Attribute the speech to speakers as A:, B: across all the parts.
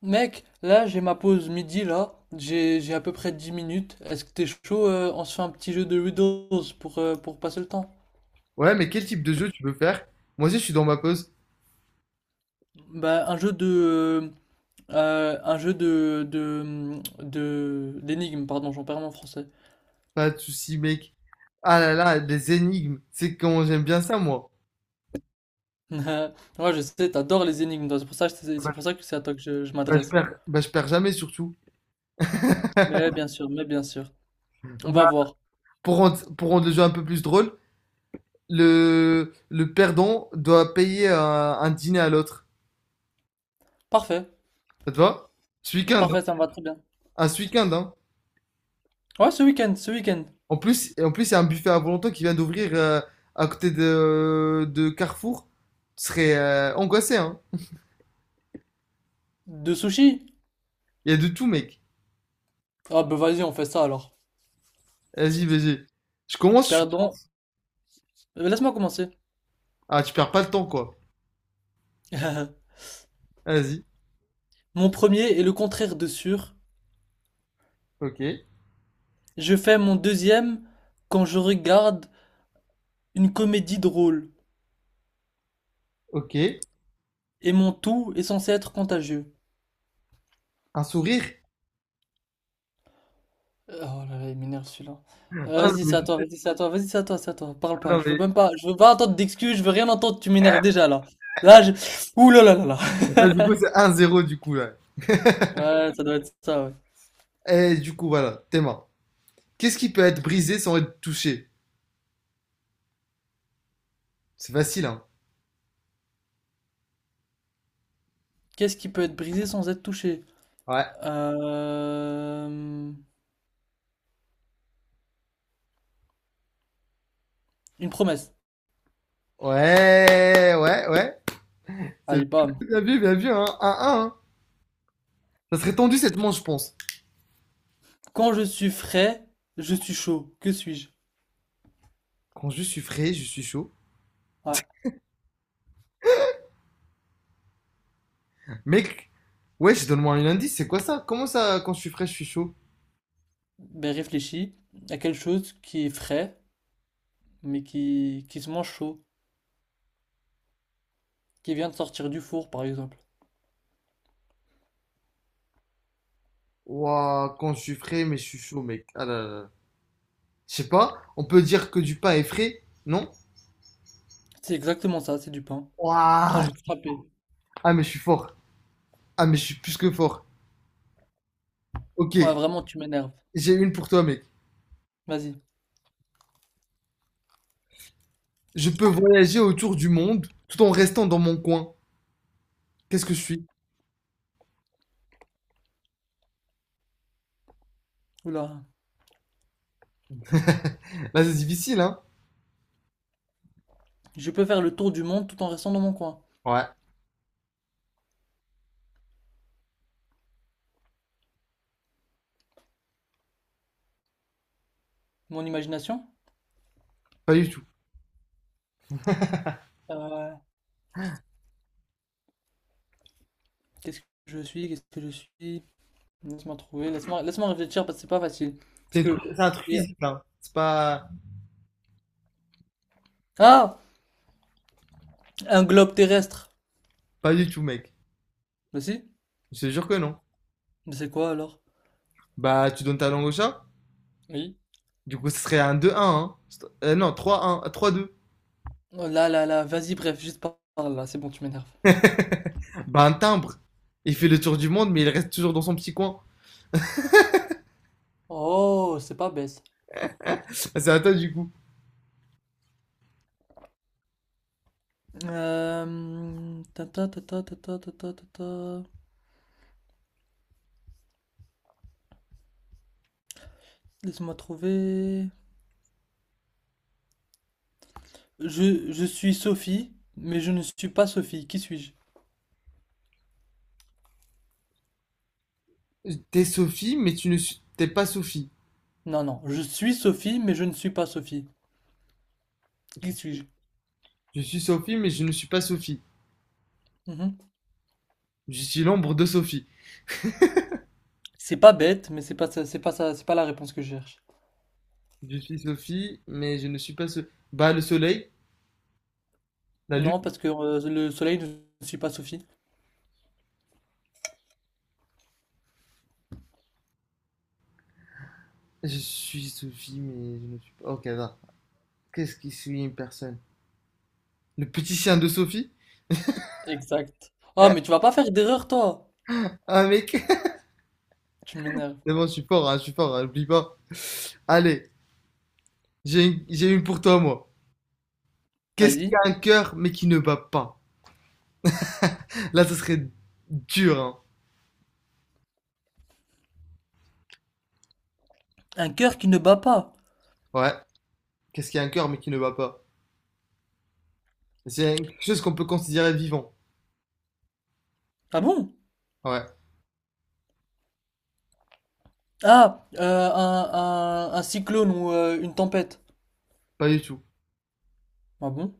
A: Mec, là j'ai ma pause midi là, j'ai à peu près 10 minutes. Est-ce que t'es chaud on se fait un petit jeu de Riddles pour passer le temps?
B: Ouais, mais quel type de jeu tu veux faire? Moi aussi, je suis dans ma pause.
A: Bah un jeu de d'énigmes, pardon, j'en perds mon français.
B: Pas de soucis, mec. Ah là là, des énigmes. C'est comment j'aime bien ça, moi.
A: Ouais, je sais, t'adores les énigmes, toi, c'est pour ça que c'est
B: Bah,
A: pour ça que c'est à toi que je
B: je
A: m'adresse.
B: perds, je perds jamais, surtout.
A: Mais bien sûr, mais bien sûr. On va
B: Bah,
A: voir.
B: pour rendre le jeu un peu plus drôle, le perdant doit payer un dîner à l'autre.
A: Parfait,
B: Ça te va? Ce week-end, hein.
A: parfait, ça me va très bien.
B: Un ce week-end, hein.
A: Ouais, ce week-end, ce week-end.
B: En plus, il y a un buffet à volonté qui vient d'ouvrir à côté de Carrefour. Tu serais angoissé, hein.
A: De sushi?
B: Il y a de tout, mec.
A: Ah bah vas-y, on fait ça alors.
B: Vas-y, vas-y. Je commence.
A: Perdons. Laisse-moi commencer.
B: Ah, tu perds pas le temps, quoi. Vas-y.
A: Mon premier est le contraire de sûr.
B: Ok.
A: Je fais mon deuxième quand je regarde une comédie drôle.
B: Ok.
A: Et mon tout est censé être contagieux.
B: Un sourire?
A: Oh là là, il m'énerve celui-là.
B: Ah, non,
A: Vas-y, c'est
B: mais,
A: à toi, vas-y, c'est à toi, vas-y, c'est à toi, c'est à toi. Parle pas,
B: non,
A: je veux
B: mais-
A: même pas, je veux pas entendre d'excuses, je veux rien entendre, tu m'énerves déjà là. Là, je... Ouh là là là là.
B: ah, du coup, c'est un zéro du coup, là.
A: Ouais, ça doit être ça, ouais.
B: Et du coup, voilà. Tes mains. Qu'est-ce qui peut être brisé sans être touché? C'est facile, hein.
A: Qu'est-ce qui peut être brisé sans être touché?
B: Ouais.
A: Euh... Une promesse.
B: Ouais, ouais, ouais. C'est
A: Allez, bam.
B: bien vu, hein. 1-1, hein. Ça serait tendu cette manche, je pense.
A: Quand je suis frais, je suis chaud. Que suis-je?
B: Quand je suis frais, je suis chaud.
A: Ouais.
B: Mec, ouais, je donne-moi un indice, c'est quoi ça? Comment ça, quand je suis frais, je suis chaud?
A: Ben, réfléchis à quelque chose qui est frais, mais qui se mange chaud, qui vient de sortir du four, par exemple.
B: Ouah, quand je suis frais, mais je suis chaud, mec. Ah là là là. Je sais pas, on peut dire que du pain est frais, non?
A: C'est exactement ça, c'est du pain. Ah, je
B: Ouah.
A: vais te frapper.
B: Ah, mais je suis fort. Ah, mais je suis plus que fort. Ok,
A: Ouais, vraiment, tu m'énerves.
B: j'ai une pour toi, mec.
A: Vas-y.
B: Je peux voyager autour du monde tout en restant dans mon coin. Qu'est-ce que je suis?
A: Oula.
B: Là, c'est difficile, hein?
A: Je peux faire le tour du monde tout en restant dans mon coin.
B: Ouais,
A: Mon imagination?
B: pas du tout.
A: Euh, qu'est-ce que je suis? Qu'est-ce que je suis? Laisse-moi trouver. Laisse-moi réfléchir parce que c'est pas facile. Parce que.
B: C'est un truc
A: Il
B: physique, hein. C'est pas...
A: Ah! Un globe terrestre.
B: Pas du tout, mec.
A: Vas-y.
B: Je te jure que non.
A: Mais c'est quoi alors?
B: Bah, tu donnes ta langue au chat?
A: Oui.
B: Du coup, ce serait un 2-1, hein. Non, 3-1, 3-2.
A: Oh là là là. Vas-y, bref, juste par là. C'est bon, tu m'énerves.
B: Bah, un timbre. Il fait le tour du monde, mais il reste toujours dans son petit coin.
A: Oh, c'est pas bête.
B: Ah, c'est à toi, du coup.
A: Ta ta ta ta ta ta ta ta ta ta. Laisse-moi trouver. Je suis Sophie, mais je ne suis pas Sophie. Qui suis-je?
B: T'es Sophie, mais tu ne suis- t'es pas Sophie.
A: Non, non. Je suis Sophie, mais je ne suis pas Sophie. Qui suis-je?
B: Je suis Sophie, mais je ne suis pas Sophie.
A: Mhm.
B: Je suis l'ombre de Sophie.
A: C'est pas bête, mais c'est pas ça, c'est pas ça, c'est pas la réponse que je cherche.
B: Je suis Sophie, mais je ne suis pas Sophie. Bah, le soleil, la
A: Non,
B: lune.
A: parce que le soleil ne suit pas Sophie.
B: Je suis Sophie, mais je ne suis pas. Ok, va. Qu'est-ce qui suis une personne? Le petit chien de Sophie?
A: Exact. Oh, mais tu vas pas faire d'erreur, toi.
B: Ah, mec.
A: Tu m'énerves.
B: C'est bon, je suis fort, hein, je suis fort, hein, oublie pas. Allez, j'ai une pour toi, moi. Qu'est-ce qui a
A: Vas-y.
B: un cœur, mais qui ne bat pas? Là, ça serait dur, hein.
A: Un cœur qui ne bat pas.
B: Ouais. Qu'est-ce qui a un cœur, mais qui ne bat pas? C'est quelque chose qu'on peut considérer vivant.
A: Ah bon?
B: Ouais.
A: Ah, un cyclone ou une tempête.
B: Pas du tout,
A: Ah bon?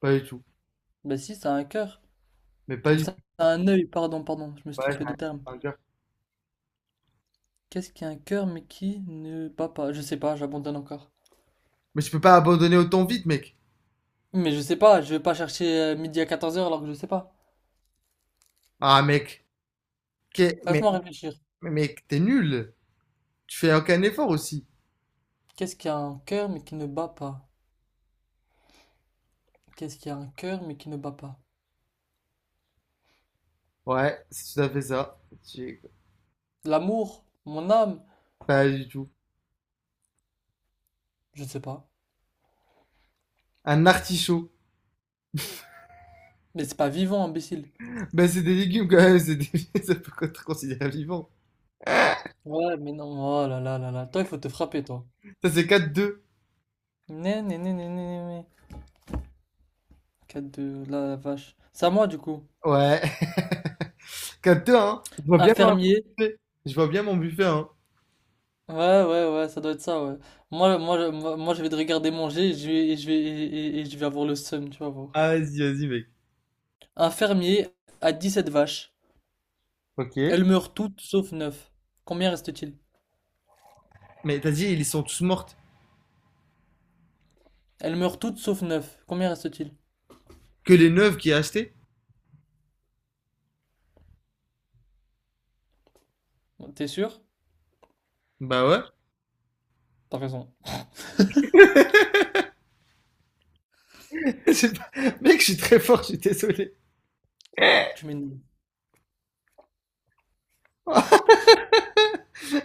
B: pas du tout.
A: Bah si, ça a un cœur.
B: Mais pas
A: Ou
B: du
A: ça
B: tout.
A: a un œil, pardon, pardon, je me suis
B: Ouais,
A: trompé de terme.
B: c'est un cœur.
A: Qu'est-ce qui a un cœur mais qui ne bat pas? Je sais pas, j'abandonne encore.
B: Mais tu peux pas abandonner autant vite, mec.
A: Mais je sais pas, je vais pas chercher midi à 14 heures alors que je sais pas.
B: Ah, mec, qu'est- mais,
A: Laisse-moi réfléchir.
B: mec, t'es nul. Tu fais aucun effort aussi.
A: Qu'est-ce qui a un cœur mais qui ne bat pas? Qu'est-ce qui a un cœur mais qui ne bat pas?
B: Ouais, c'est tout à fait ça. Tu-
A: L'amour? Mon âme?
B: Pas du tout.
A: Je sais pas.
B: Un artichaut.
A: Mais c'est pas vivant, imbécile.
B: Ben, c'est des légumes quand même, c'est des... ça peut être considéré vivant.
A: Ouais, mais non. Oh là là là là. Toi, il faut te frapper, toi.
B: Ça, c'est 4-2.
A: Né, né, né, né, né, né, né. 4 de la vache. C'est à moi du coup.
B: Ouais, 4-2, hein. Je vois bien mon
A: Infirmier.
B: buffet. Je vois bien mon buffet, hein.
A: Ouais, ouais, ouais, ça doit être ça, ouais. Je vais te regarder manger et je vais avoir le seum, tu vas voir.
B: Ah, vas-y, vas-y, mec.
A: Un fermier a 17 vaches.
B: Ok.
A: Elles meurent toutes sauf neuf. Combien reste-t-il?
B: Mais t'as dit, ils sont tous mortes.
A: Elles meurent toutes sauf neuf. Combien reste-t-il?
B: Que les neuves qui a acheté?
A: T'es sûr?
B: Bah ouais.
A: T'as raison.
B: C'est pas- Mec, je suis très fort, je suis désolé.
A: Tu m'énerves.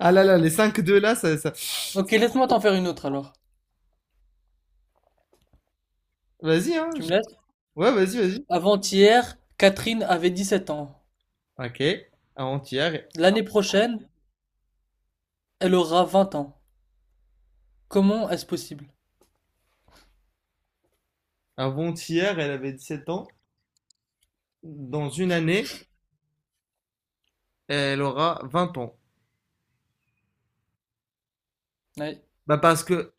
B: Ah là là, les 5-2 là,
A: Ok, laisse-moi t'en faire une autre alors.
B: Vas-y, hein.
A: Tu
B: Je-
A: me laisses?
B: Ouais, vas-y, vas-y.
A: Avant-hier, Catherine avait 17 ans.
B: Ok. Avant-hier,
A: L'année prochaine, elle aura 20 ans. Comment est-ce possible?
B: avant-hier, elle avait 17 ans. Dans une année, elle aura 20 ans.
A: Oui.
B: Bah parce que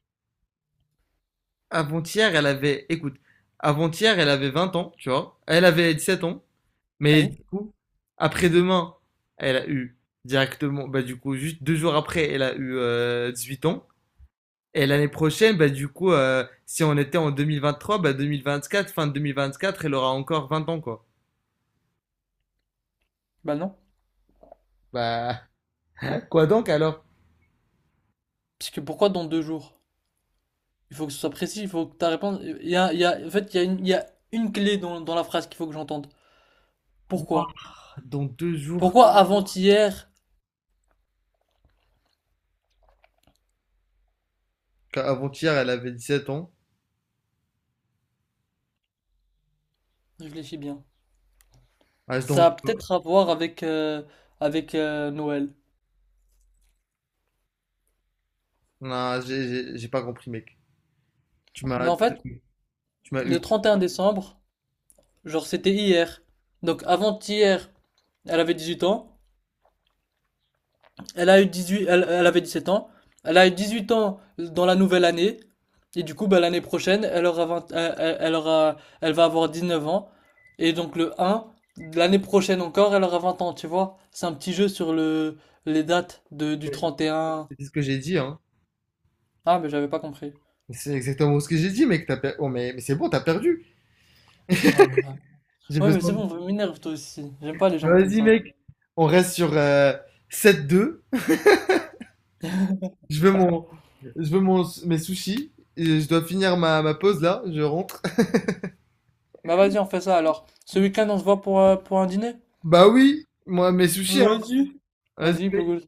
B: avant-hier, elle avait... Écoute, avant-hier, elle avait 20 ans, tu vois. Elle avait 17 ans. Mais
A: Oui?
B: du coup, après-demain, elle a eu directement... Bah du coup, juste 2 jours après, elle a eu 8 ans. Et l'année prochaine, bah, du coup, si on était en 2023, bah, 2024, fin de 2024, elle aura encore 20 ans, quoi.
A: Bah non.
B: Bah, quoi donc alors?
A: Parce que pourquoi dans 2 jours? Il faut que ce soit précis, il faut que ta réponse. En fait, il y a une clé dans la phrase qu'il faut que j'entende. Pourquoi?
B: Moi, dans 2 jours,
A: Pourquoi avant-hier?
B: avant-hier, elle avait 17 ans.
A: Réfléchis bien.
B: Ah,
A: Ça
B: donc,
A: a peut-être à voir avec, avec Noël.
B: non, j'ai pas compris, mec. Tu
A: Mais
B: m'as,
A: en fait,
B: Tu m'as eu.
A: le 31 décembre, genre c'était hier. Donc avant-hier, elle avait 18 ans. Elle a eu 18, elle avait 17 ans. Elle a eu 18 ans dans la nouvelle année. Et du coup, bah, l'année prochaine, elle aura 20, elle va avoir 19 ans. Et donc, le un, l'année prochaine encore, elle aura 20 ans, tu vois. C'est un petit jeu sur les dates du 31.
B: C'est ce que j'ai dit, hein.
A: Ah, mais j'avais pas compris.
B: C'est exactement ce que j'ai dit, mec. Oh, mais c'est bon, t'as perdu.
A: Oh là là.
B: J'ai
A: Ouais, mais
B: besoin.
A: c'est bon, m'énerve toi aussi. J'aime pas les gens comme
B: Vas-y,
A: ça.
B: mec. On reste sur 7-2. Je veux mon, je veux mon, mes sushis. Et je dois finir ma pause là. Je rentre.
A: Bah, vas-y, on fait ça alors. Ce week-end, on se voit pour un dîner?
B: Bah oui, moi mes sushis, hein.
A: Vas-y. Vas-y,
B: Vas-y.
A: Pogos.